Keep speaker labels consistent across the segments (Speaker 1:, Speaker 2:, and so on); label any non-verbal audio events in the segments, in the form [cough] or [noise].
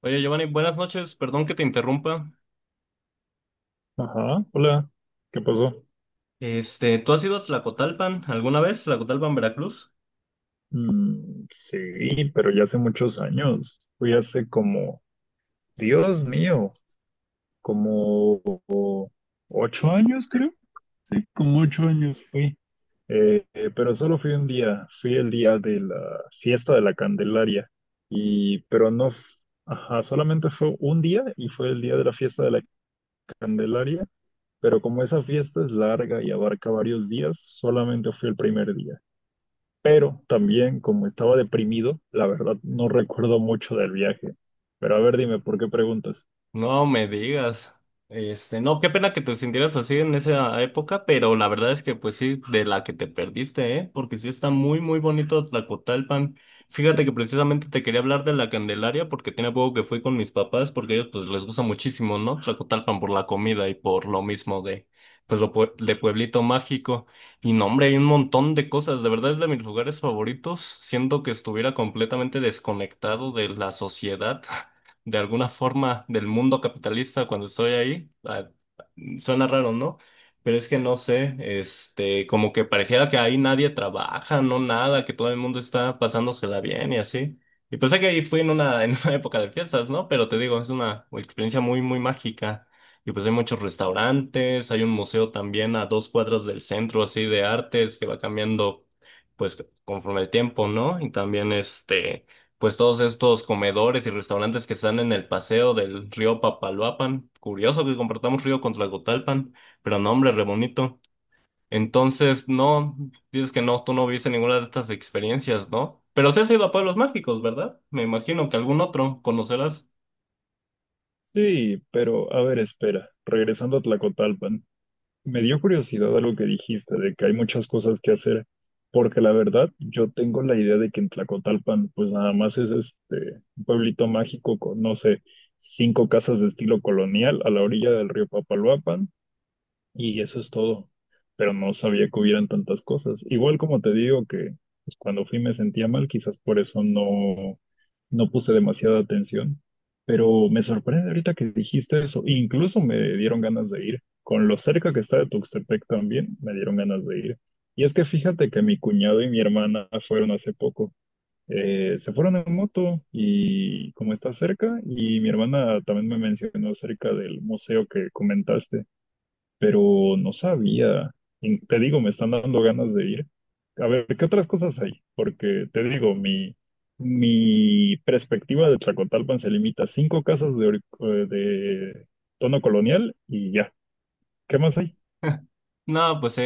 Speaker 1: Oye, Giovanni, buenas noches. Perdón que te interrumpa.
Speaker 2: Ajá, hola, ¿qué pasó?
Speaker 1: ¿Tú has ido a Tlacotalpan alguna vez? ¿Tlacotalpan, Veracruz?
Speaker 2: Sí, pero ya hace muchos años. Fui hace como, Dios mío, como 8 años, creo. Sí, como 8 años fui. Pero solo fui un día, fui el día de la fiesta de la Candelaria. Y, pero no, ajá, solamente fue un día y fue el día de la fiesta de la Candelaria. Pero como esa fiesta es larga y abarca varios días, solamente fui el primer día. Pero también, como estaba deprimido, la verdad no recuerdo mucho del viaje. Pero a ver, dime, ¿por qué preguntas?
Speaker 1: No me digas. No, qué pena que te sintieras así en esa época, pero la verdad es que pues sí, de la que te perdiste, ¿eh? Porque sí está muy, muy bonito Tlacotalpan. Fíjate que precisamente te quería hablar de la Candelaria porque tiene poco que fui con mis papás porque a ellos pues les gusta muchísimo, ¿no? Tlacotalpan por la comida y por lo mismo de, pues de Pueblito Mágico. Y no, hombre, hay un montón de cosas. De verdad es de mis lugares favoritos. Siento que estuviera completamente desconectado de la sociedad de alguna forma del mundo capitalista cuando estoy ahí. Ah, suena raro, ¿no? Pero es que no sé, como que pareciera que ahí nadie trabaja, no nada, que todo el mundo está pasándosela bien y así. Y pues sé que ahí fui en una, [laughs] en una época de fiestas, ¿no? Pero te digo, es una experiencia muy, muy mágica. Y pues hay muchos restaurantes, hay un museo también a 2 cuadras del centro, así de artes, que va cambiando, pues, conforme el tiempo, ¿no? Y también pues todos estos comedores y restaurantes que están en el paseo del río Papaloapan. Curioso que compartamos río con Tlacotalpan, pero no, hombre, re bonito. Entonces, no, dices que no, tú no viste ninguna de estas experiencias, ¿no? Pero sí has ido a pueblos mágicos, ¿verdad? Me imagino que algún otro conocerás.
Speaker 2: Sí, pero a ver, espera. Regresando a Tlacotalpan, me dio curiosidad algo que dijiste de que hay muchas cosas que hacer, porque la verdad yo tengo la idea de que en Tlacotalpan, pues nada más es un pueblito mágico con, no sé, 5 casas de estilo colonial a la orilla del río Papaloapan. Y eso es todo. Pero no sabía que hubieran tantas cosas. Igual como te digo que pues, cuando fui me sentía mal, quizás por eso no puse demasiada atención. Pero me sorprende ahorita que dijiste eso. Incluso me dieron ganas de ir. Con lo cerca que está de Tuxtepec también, me dieron ganas de ir. Y es que fíjate que mi cuñado y mi hermana fueron hace poco. Se fueron en moto y como está cerca, y mi hermana también me mencionó acerca del museo que comentaste, pero no sabía. Y te digo, me están dando ganas de ir. A ver, ¿qué otras cosas hay? Porque te digo, mi perspectiva de Tlacotalpan se limita a 5 casas de, de tono colonial y ya. ¿Qué más hay?
Speaker 1: No, pues sí.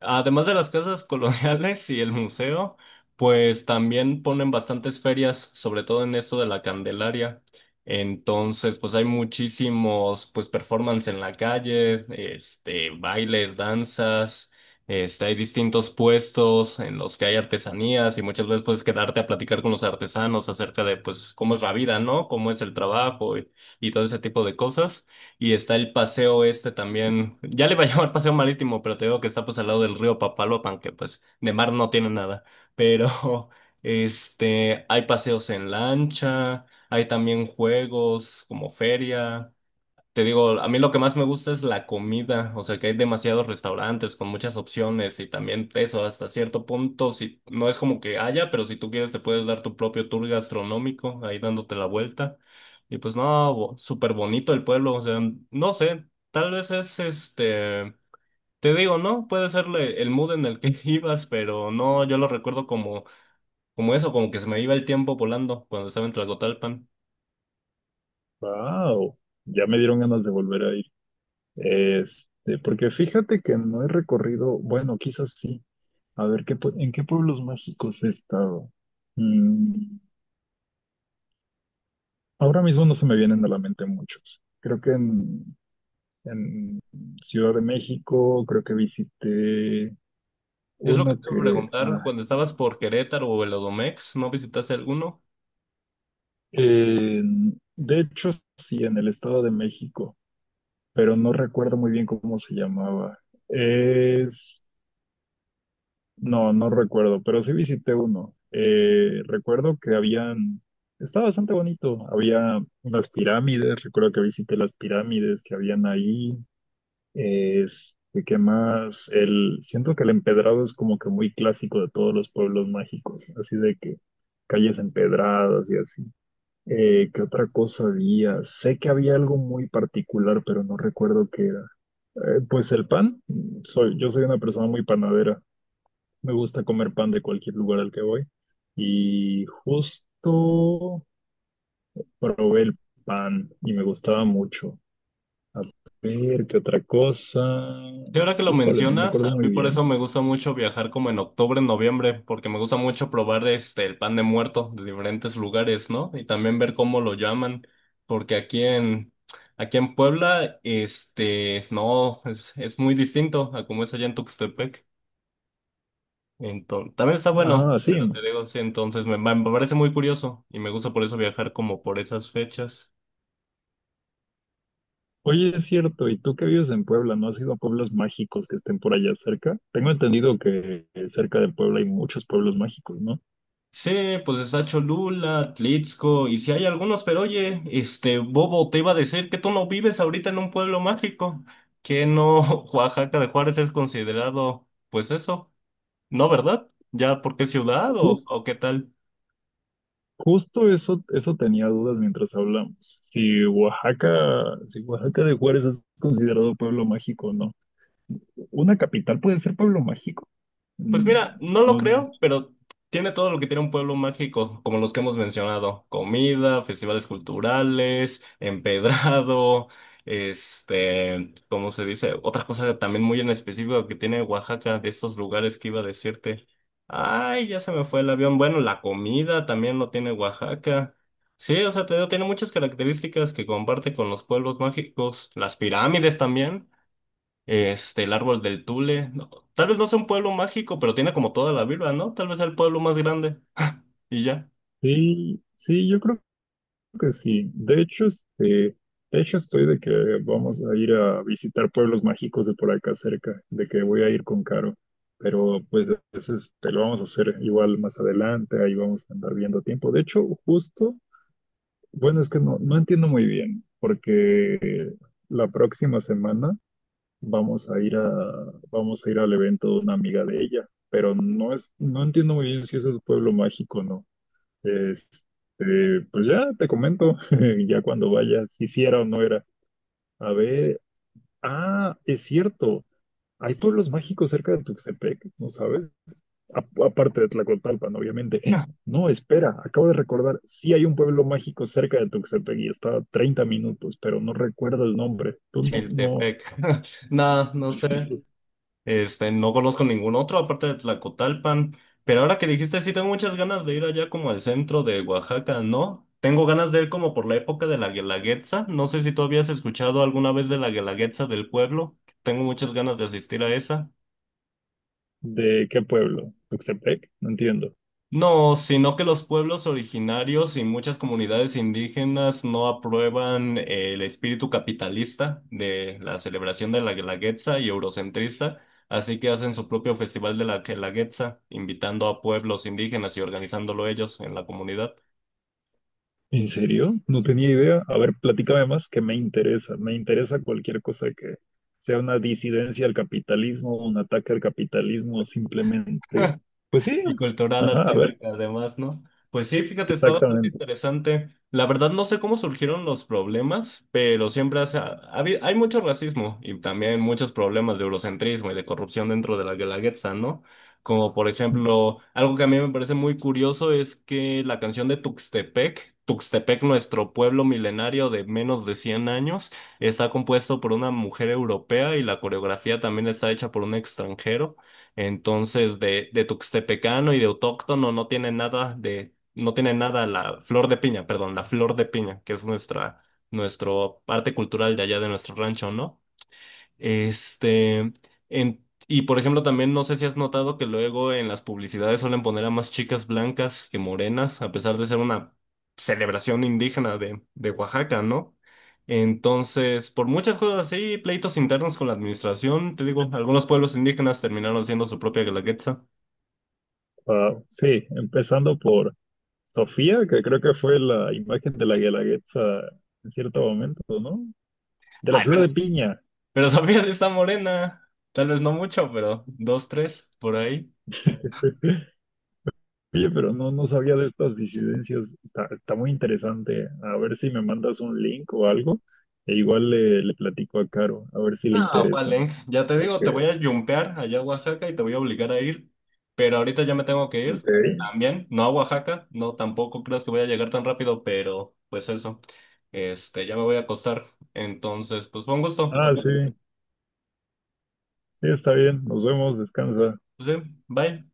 Speaker 1: Además de las casas coloniales y el museo, pues también ponen bastantes ferias, sobre todo en esto de la Candelaria. Entonces, pues hay muchísimos, pues performance en la calle, bailes, danzas, hay distintos puestos en los que hay artesanías y muchas veces puedes quedarte a platicar con los artesanos acerca de, pues, cómo es la vida, ¿no? Cómo es el trabajo y todo ese tipo de cosas. Y está el paseo este también. Ya le iba a [laughs] llamar paseo marítimo, pero te digo que está pues al lado del río Papaloapan, que pues de mar no tiene nada. Pero [laughs] hay paseos en lancha, hay también juegos como feria. Te digo, a mí lo que más me gusta es la comida, o sea que hay demasiados restaurantes con muchas opciones y también eso hasta cierto punto, si no es como que haya, pero si tú quieres te puedes dar tu propio tour gastronómico ahí dándote la vuelta. Y pues no, súper bonito el pueblo, o sea, no sé, tal vez es te digo, ¿no? Puede ser el mood en el que [laughs] ibas, pero no, yo lo recuerdo como, como eso, como que se me iba el tiempo volando cuando estaba en Tlacotalpan.
Speaker 2: ¡Wow! Ya me dieron ganas de volver a ir. Porque fíjate que no he recorrido, bueno, quizás sí. A ver, ¿qué, en qué pueblos mágicos he estado? Mm, Ahora mismo no se me vienen a la mente muchos. Creo que En Ciudad de México creo que visité
Speaker 1: Es lo que
Speaker 2: uno
Speaker 1: te iba a
Speaker 2: que...
Speaker 1: preguntar, cuando estabas por Querétaro o el Odomex, ¿no visitaste alguno?
Speaker 2: de hecho, sí, en el Estado de México, pero no recuerdo muy bien cómo se llamaba. Es... No, no recuerdo, pero sí visité uno. Recuerdo que habían... Estaba bastante bonito. Había unas pirámides, recuerdo que visité las pirámides que habían ahí. ¿Qué más? El, siento que el empedrado es como que muy clásico de todos los pueblos mágicos, así de que calles empedradas y así. ¿Qué otra cosa había? Sé que había algo muy particular, pero no recuerdo qué era. Pues el pan, yo soy una persona muy panadera. Me gusta comer pan de cualquier lugar al que voy. Y justo probé el pan y me gustaba mucho. A ver, ¿qué otra cosa?
Speaker 1: Y ahora que lo
Speaker 2: Híjole, no me
Speaker 1: mencionas,
Speaker 2: acuerdo
Speaker 1: a mí
Speaker 2: muy
Speaker 1: por eso
Speaker 2: bien.
Speaker 1: me gusta mucho viajar como en octubre, noviembre, porque me gusta mucho probar el pan de muerto de diferentes lugares, ¿no? Y también ver cómo lo llaman, porque aquí en Puebla, no, es muy distinto a como es allá en Tuxtepec. Entonces, también está bueno,
Speaker 2: Ah, sí.
Speaker 1: pero te digo, sí, entonces me parece muy curioso y me gusta por eso viajar como por esas fechas.
Speaker 2: Oye, es cierto, ¿y tú que vives en Puebla, no has ido a pueblos mágicos que estén por allá cerca? Tengo entendido que cerca de Puebla hay muchos pueblos mágicos, ¿no?
Speaker 1: Sí, pues está Cholula, Tlitzco, y si hay algunos, pero oye, este Bobo te iba a decir que tú no vives ahorita en un pueblo mágico, que no [laughs] Oaxaca de Juárez es considerado, pues eso, ¿no, verdad? ¿Ya porque ciudad
Speaker 2: Jus-
Speaker 1: o qué tal?
Speaker 2: Justo, eso tenía dudas mientras hablamos. Si Oaxaca, si Oaxaca de Juárez es considerado pueblo mágico o no. Una capital puede ser pueblo mágico.
Speaker 1: Pues
Speaker 2: Mm,
Speaker 1: mira, no lo
Speaker 2: No,
Speaker 1: creo, pero tiene todo lo que tiene un pueblo mágico, como los que hemos mencionado. Comida, festivales culturales, empedrado, ¿cómo se dice? Otra cosa también muy en específico que tiene Oaxaca, de estos lugares que iba a decirte. Ay, ya se me fue el avión. Bueno, la comida también lo tiene Oaxaca. Sí, o sea, te digo, tiene muchas características que comparte con los pueblos mágicos. Las pirámides también. El árbol del Tule. No, tal vez no sea un pueblo mágico, pero tiene como toda la vibra, ¿no? Tal vez sea el pueblo más grande. [laughs] Y ya.
Speaker 2: Sí, sí, yo creo que sí. De hecho, de hecho estoy de que vamos a ir a visitar pueblos mágicos de por acá cerca, de que voy a ir con Caro. Pero pues te lo vamos a hacer igual más adelante, ahí vamos a andar viendo tiempo. De hecho, justo, bueno, es que no entiendo muy bien, porque la próxima semana vamos a ir a, vamos a ir al evento de una amiga de ella, pero no entiendo muy bien si eso es pueblo mágico o no. Pues ya te comento, [laughs] ya cuando vayas, si sí era o no era. A ver, ah, es cierto, hay pueblos mágicos cerca de Tuxtepec, ¿no sabes? Aparte de Tlacotalpan, obviamente. [gasps] No, espera, acabo de recordar, sí hay un pueblo mágico cerca de Tuxtepec y está a 30 minutos, pero no recuerdo el nombre. Tú no, no,
Speaker 1: Chiltepec. [laughs] No, no sé.
Speaker 2: [laughs]
Speaker 1: No conozco ningún otro aparte de Tlacotalpan. Pero ahora que dijiste, sí tengo muchas ganas de ir allá como al centro de Oaxaca, ¿no? Tengo ganas de ir como por la época de la Guelaguetza. No sé si tú habías escuchado alguna vez de la Guelaguetza del pueblo. Tengo muchas ganas de asistir a esa.
Speaker 2: ¿de qué pueblo? ¿Tuxtepec? No entiendo.
Speaker 1: No, sino que los pueblos originarios y muchas comunidades indígenas no aprueban el espíritu capitalista de la celebración de la Guelaguetza y eurocentrista, así que hacen su propio festival de la Guelaguetza, invitando a pueblos indígenas y organizándolo ellos en la comunidad.
Speaker 2: ¿En serio? No tenía idea. A ver, platícame más, que me interesa. Me interesa cualquier cosa que sea una disidencia al capitalismo, un ataque al capitalismo, simplemente.
Speaker 1: [laughs]
Speaker 2: Pues sí,
Speaker 1: Y cultural,
Speaker 2: ajá, a ver,
Speaker 1: artística, además, ¿no? Pues sí, fíjate, está bastante
Speaker 2: exactamente.
Speaker 1: interesante. La verdad, no sé cómo surgieron los problemas, pero siempre hay mucho racismo y también muchos problemas de eurocentrismo y de corrupción dentro de la Guelaguetza, ¿no? Como por ejemplo, algo que a mí me parece muy curioso es que la canción de Tuxtepec, Tuxtepec, nuestro pueblo milenario de menos de 100 años, está compuesto por una mujer europea y la coreografía también está hecha por un extranjero. Entonces, de tuxtepecano y de autóctono no tiene nada de, no tiene nada la flor de piña, perdón, la flor de piña, que es nuestra, nuestro arte cultural de allá de nuestro rancho, ¿no? Este, y por ejemplo, también no sé si has notado que luego en las publicidades suelen poner a más chicas blancas que morenas, a pesar de ser una celebración indígena de Oaxaca, ¿no? Entonces, por muchas cosas así, pleitos internos con la administración, te digo, algunos pueblos indígenas terminaron haciendo su propia guelaguetza.
Speaker 2: Wow, sí, empezando por Sofía, que creo que fue la imagen de la Guelaguetza en cierto momento, ¿no? De la
Speaker 1: Ay,
Speaker 2: flor
Speaker 1: pero,
Speaker 2: de piña.
Speaker 1: pero [laughs] sabías esa morena, tal vez no mucho, pero dos, tres, por ahí.
Speaker 2: [laughs] Oye, pero no, no sabía de estas disidencias. Está muy interesante. A ver si me mandas un link o algo. Le platico a Caro, a ver si le
Speaker 1: Ah,
Speaker 2: interesa.
Speaker 1: Valen, ya te digo, te
Speaker 2: Porque,
Speaker 1: voy a jumpear allá a Oaxaca y te voy a obligar a ir, pero ahorita ya me tengo que
Speaker 2: ok.
Speaker 1: ir también, no a Oaxaca, no tampoco creas que voy a llegar tan rápido, pero pues eso, ya me voy a acostar, entonces, pues fue un gusto,
Speaker 2: Ah,
Speaker 1: hablar,
Speaker 2: sí, sí, está bien. Nos vemos, descansa.
Speaker 1: sí, bye.